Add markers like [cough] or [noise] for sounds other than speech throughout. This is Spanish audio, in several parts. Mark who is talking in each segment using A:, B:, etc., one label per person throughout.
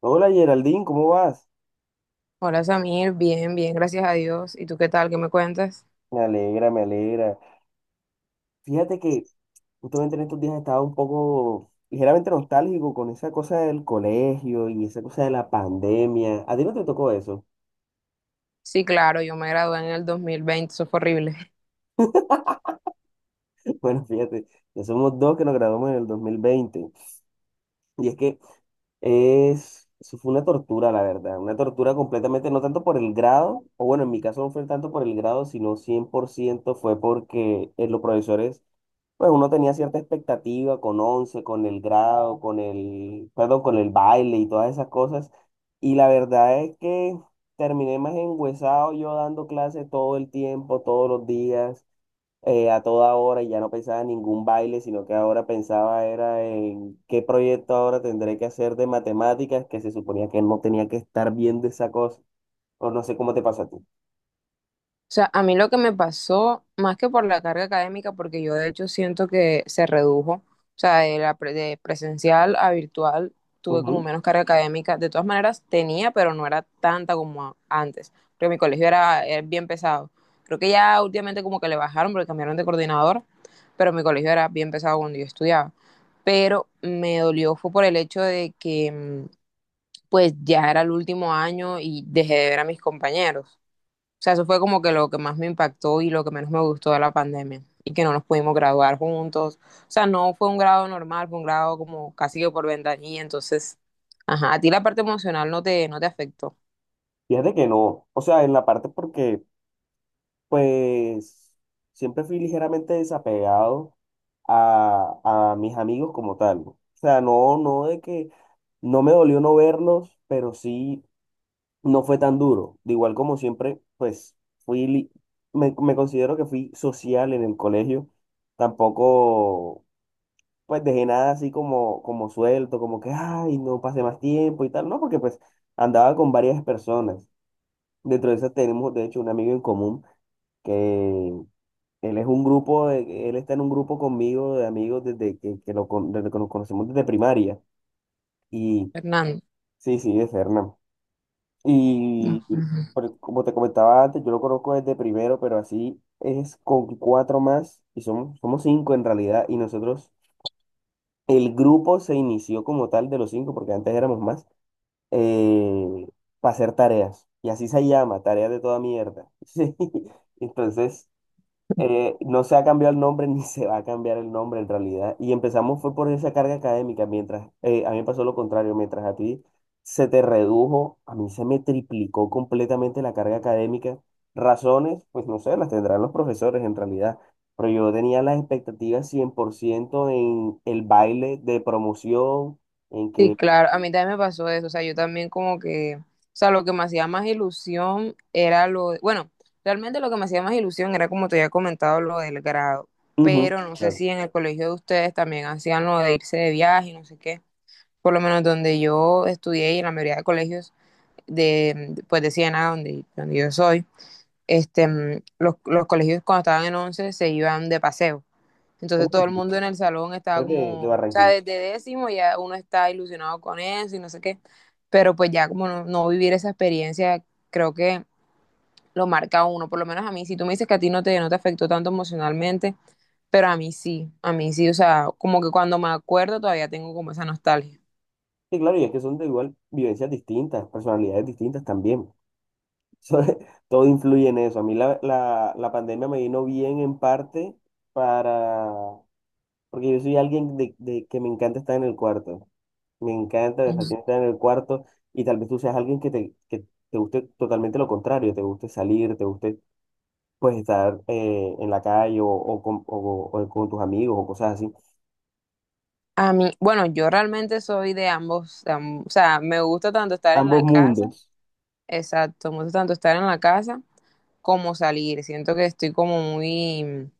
A: Hola Geraldine, ¿cómo vas?
B: Hola Samir, bien, bien, gracias a Dios. ¿Y tú qué tal? ¿Qué me cuentas?
A: Me alegra, me alegra. Fíjate que justamente en estos días estaba un poco ligeramente nostálgico con esa cosa del colegio y esa cosa de la pandemia. ¿A ti no te tocó eso?
B: Sí, claro, yo me gradué en el 2020, eso fue horrible.
A: [laughs] Bueno, fíjate, ya somos dos que nos graduamos en el 2020. Y es que eso fue una tortura, la verdad. Una tortura completamente, no tanto por el grado, o bueno, en mi caso no fue tanto por el grado, sino 100% fue porque los profesores. Pues uno tenía cierta expectativa con 11, con el grado, con el, perdón, con el baile y todas esas cosas. Y la verdad es que terminé más enguesado yo dando clases todo el tiempo, todos los días, a toda hora, y ya no pensaba en ningún baile, sino que ahora pensaba era en qué proyecto ahora tendré que hacer de matemáticas, que se suponía que no tenía que estar viendo esa cosa, o no sé cómo te pasa a ti.
B: O sea, a mí lo que me pasó, más que por la carga académica, porque yo de hecho siento que se redujo, o sea, de presencial a virtual tuve como
A: Ujú.
B: menos carga académica. De todas maneras, tenía, pero no era tanta como antes, porque mi colegio era bien pesado. Creo que ya últimamente como que le bajaron porque cambiaron de coordinador, pero mi colegio era bien pesado cuando yo estudiaba. Pero me dolió fue por el hecho de que pues ya era el último año y dejé de ver a mis compañeros. O sea, eso fue como que lo que más me impactó y lo que menos me gustó de la pandemia. Y que no nos pudimos graduar juntos. O sea, no fue un grado normal, fue un grado como casi que por ventanilla. Entonces, ajá, a ti la parte emocional no te afectó.
A: Fíjate que no, o sea, en la parte porque, pues, siempre fui ligeramente desapegado a mis amigos como tal, ¿no? O sea, no, no de que no me dolió no verlos, pero sí no fue tan duro. De igual como siempre, pues fui, me considero que fui social en el colegio. Tampoco, pues, dejé nada así como, como suelto, como que, ay, no pasé más tiempo y tal. No, porque pues andaba con varias personas. Dentro de esas tenemos, de hecho, un amigo en común que él es un grupo, él está en un grupo conmigo de amigos desde desde que nos conocemos desde primaria. Y
B: Fernando.
A: sí, sí, de Fernán. Y
B: Ujú.
A: como te comentaba antes, yo lo conozco desde primero, pero así es con cuatro más y somos, cinco en realidad. Y nosotros, el grupo se inició como tal de los cinco, porque antes éramos más, eh, para hacer tareas. Y así se llama, tareas de toda mierda. [laughs] Sí. Entonces... no se ha cambiado el nombre [laughs] ni se va a cambiar el nombre en realidad. Y empezamos fue por esa carga académica, mientras a mí me pasó lo contrario, mientras a ti se te redujo, a mí se me triplicó completamente la carga académica. Razones, pues no sé, las tendrán los profesores en realidad, pero yo tenía las expectativas 100% en el baile de promoción, en
B: Sí,
A: que...
B: claro, a mí también me pasó eso. O sea, yo también como que, o sea, lo que me hacía más ilusión era lo, bueno, realmente lo que me hacía más ilusión era como te había comentado lo del grado.
A: Ujú,
B: Pero no sé
A: claro.
B: si en el colegio de ustedes también hacían lo de irse de viaje, no sé qué. Por lo menos donde yo estudié y en la mayoría de colegios de, pues de Siena, donde yo soy, los colegios cuando estaban en 11 se iban de paseo.
A: Pero
B: Entonces
A: de
B: todo el
A: aquí,
B: mundo en el salón estaba
A: pero de
B: como, o sea,
A: Barranquilla.
B: desde décimo ya uno está ilusionado con eso y no sé qué, pero pues ya como no, no vivir esa experiencia creo que lo marca a uno, por lo menos a mí, si tú me dices que a ti no te afectó tanto emocionalmente, pero a mí sí, o sea, como que cuando me acuerdo todavía tengo como esa nostalgia.
A: Sí, claro, y es que son de igual vivencias distintas, personalidades distintas también. [laughs] Todo influye en eso. A mí la pandemia me vino bien en parte para, porque yo soy alguien de que me encanta estar en el cuarto. Me encanta, me fascina estar en el cuarto y tal vez tú seas alguien que te, guste totalmente lo contrario, te guste salir, te guste pues estar en la calle o con tus amigos o cosas así.
B: A mí, bueno, yo realmente soy de ambos, o sea, me gusta tanto estar en
A: Ambos
B: la casa,
A: mundos,
B: exacto, me gusta tanto estar en la casa como salir. Siento que estoy como muy, o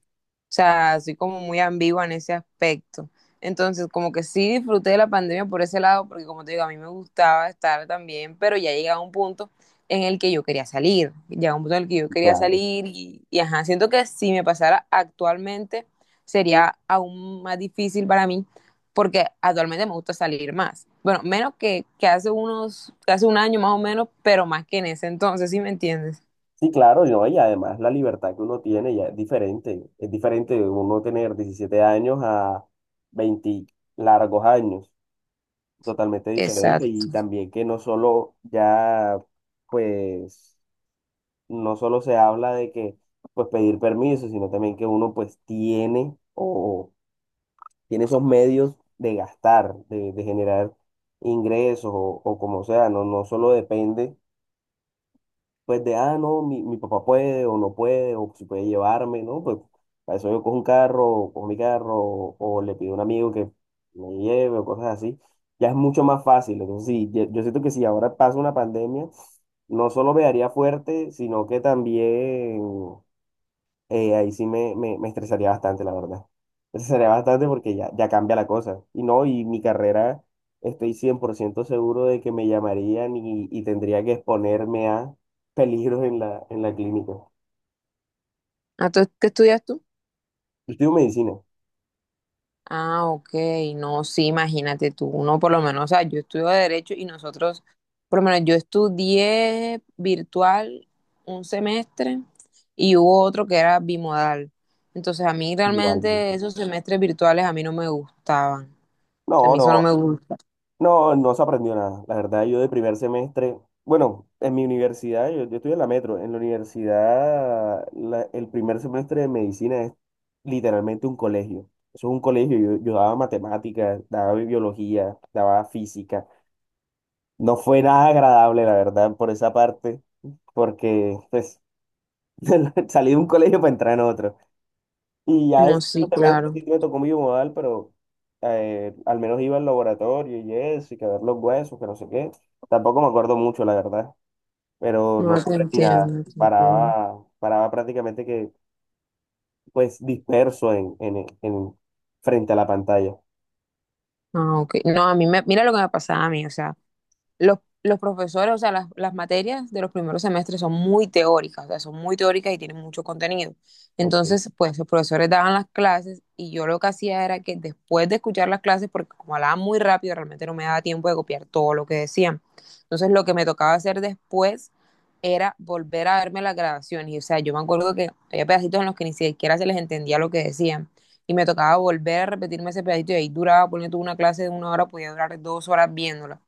B: sea, soy como muy ambigua en ese aspecto. Entonces, como que sí disfruté de la pandemia por ese lado, porque como te digo, a mí me gustaba estar también, pero ya llegaba un punto en el que yo quería salir, llegaba un punto en el que yo quería
A: claro.
B: salir y ajá, siento que si me pasara actualmente sería aún más difícil para mí, porque actualmente me gusta salir más. Bueno, menos que hace un año más o menos, pero más que en ese entonces, ¿sí me entiendes?
A: Sí, claro, no, y además la libertad que uno tiene ya es diferente. Es diferente uno tener 17 años a 20 largos años, totalmente diferente. Y
B: Exacto.
A: también que no solo ya, pues, no solo se habla de que, pues, pedir permiso, sino también que uno, pues, tiene esos medios de gastar, de generar ingresos o como sea, no, no solo depende pues de, no, mi papá puede o no puede, o si puede llevarme, ¿no? Pues para eso yo cojo un carro, cojo mi carro, o le pido a un amigo que me lleve, o cosas así. Ya es mucho más fácil. Entonces, sí, yo siento que si ahora pasa una pandemia, no solo me daría fuerte, sino que también ahí sí me, estresaría bastante, la verdad. Me estresaría bastante porque ya cambia la cosa. Y no, y mi carrera, estoy 100% seguro de que me llamarían y tendría que exponerme a peligros en la, clínica. Yo
B: ¿A tú- qué estudias tú?
A: estudio medicina.
B: Ah, ok, no, sí, imagínate tú, uno por lo menos, o sea, yo estudio derecho y nosotros, por lo menos yo estudié virtual un semestre y hubo otro que era bimodal. Entonces a mí
A: Igualmente.
B: realmente esos semestres virtuales a mí no me gustaban, o sea, a
A: No,
B: mí eso no
A: no,
B: me gusta.
A: no, no se aprendió nada. La verdad, yo de primer semestre, bueno, en mi universidad, yo, estudié en la Metro, en la universidad, el primer semestre de medicina literalmente un colegio. Eso es un colegio, yo daba matemáticas, daba biología, daba física. No fue nada agradable, la verdad, por esa parte, porque pues [laughs] salí de un colegio para entrar en otro. Y ya
B: No,
A: ese
B: sí,
A: semestre
B: claro,
A: sí me tocó mi modal, pero al menos iba al laboratorio y eso, y que a ver los huesos, que no sé qué. Tampoco me acuerdo mucho, la verdad, pero no
B: no te
A: aprendí nada.
B: entiendo, te entiendo.
A: paraba prácticamente que, pues, disperso frente a la pantalla.
B: Ah, ok, no, a mí me, mira lo que me pasaba a mí, o sea. Los profesores, o sea, las materias de los primeros semestres son muy teóricas, o sea, son muy teóricas y tienen mucho contenido.
A: Ok.
B: Entonces, pues los profesores daban las clases y yo lo que hacía era que después de escuchar las clases, porque como hablaban muy rápido, realmente no me daba tiempo de copiar todo lo que decían. Entonces, lo que me tocaba hacer después era volver a verme las grabaciones. Y, o sea, yo me acuerdo que había pedacitos en los que ni siquiera se les entendía lo que decían. Y me tocaba volver a repetirme ese pedacito y ahí duraba, poniendo una clase de una hora, podía durar dos horas viéndola.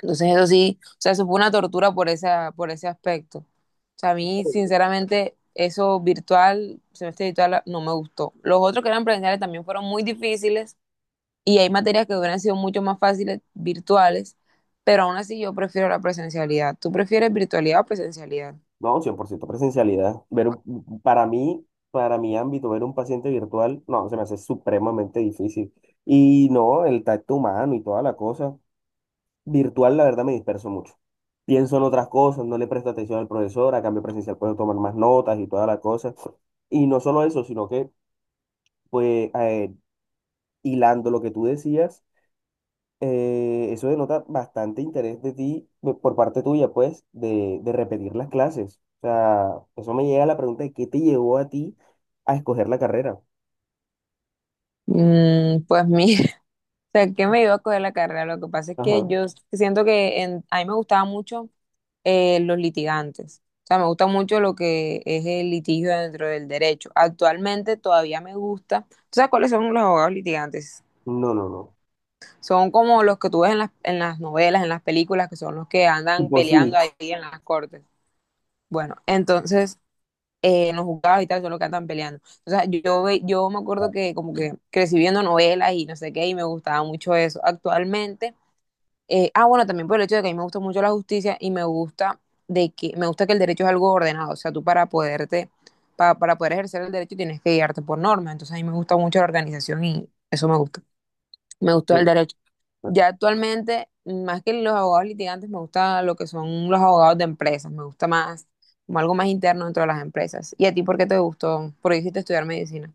B: Entonces eso sí, o sea, eso fue una tortura por esa, por ese aspecto. O sea, a mí, sinceramente, eso virtual, semestre virtual, no me gustó. Los otros que eran presenciales también fueron muy difíciles y hay materias que hubieran sido mucho más fáciles virtuales, pero aún así yo prefiero la presencialidad. ¿Tú prefieres virtualidad o presencialidad?
A: No, 100% presencialidad. Ver para mí, para mi ámbito, ver un paciente virtual, no, se me hace supremamente difícil. Y no, el tacto humano y toda la cosa. Virtual, la verdad, me disperso mucho. Pienso en otras cosas, no le presto atención al profesor, a cambio presencial puedo tomar más notas y toda la cosa. Y no solo eso, sino que, pues, hilando lo que tú decías. Eso denota bastante interés de ti, por parte tuya, pues, de repetir las clases. O sea, eso me llega a la pregunta de qué te llevó a ti a escoger la carrera.
B: Mm, pues mira, [laughs] o sea, qué me iba a coger la carrera. Lo que pasa es que
A: Ajá.
B: yo siento que en- a mí me gustaba mucho los litigantes. O sea, me gusta mucho lo que es el litigio dentro del derecho. Actualmente todavía me gusta. ¿Tú sabes cuáles son los abogados litigantes?
A: No, no, no.
B: Son como los que tú ves en en las novelas, en las películas, que son los que
A: [laughs]
B: andan
A: Tipo
B: peleando ahí
A: suites.
B: en las cortes. Bueno, entonces, en los juzgados y tal, son los que andan peleando. O sea, yo, yo me acuerdo que como que crecí viendo novelas y no sé qué, y me gustaba mucho eso. Actualmente bueno, también por el hecho de que a mí me gusta mucho la justicia y me gusta de que me gusta que el derecho es algo ordenado, o sea, tú para poderte para poder ejercer el derecho tienes que guiarte por normas, entonces a mí me gusta mucho la organización y eso me gusta. Me gustó
A: Eh,
B: el derecho. Ya actualmente, más que los abogados litigantes, me gusta lo que son los abogados de empresas, me gusta más como algo más interno dentro de las empresas. ¿Y a ti por qué te gustó? ¿Por qué hiciste estudiar medicina?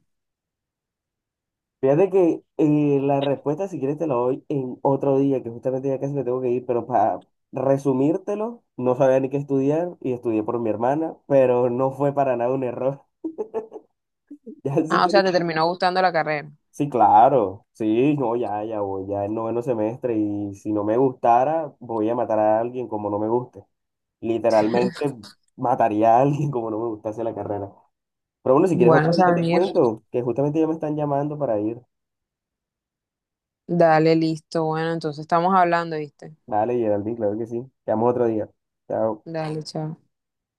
A: Fíjate que la respuesta, si quieres, te la doy en otro día, que justamente ya casi me tengo que ir, pero para resumírtelo, no sabía ni qué estudiar y estudié por mi hermana, pero no fue para nada un error. [laughs] Ya si
B: Ah, o sea,
A: quieres.
B: te terminó gustando la carrera.
A: Sí, claro, sí, no, ya, voy, ya el noveno semestre y si no me gustara, voy a matar a alguien como no me guste. Literalmente
B: [laughs]
A: mataría a alguien como no me gustase la carrera. Pero bueno, si quieres
B: Bueno,
A: otro día te
B: Samir,
A: cuento, que justamente ya me están llamando para ir.
B: dale, listo. Bueno, entonces estamos hablando, ¿viste?
A: Dale, Geraldine, claro que sí. Te llamo otro día. Chao.
B: Dale, chao.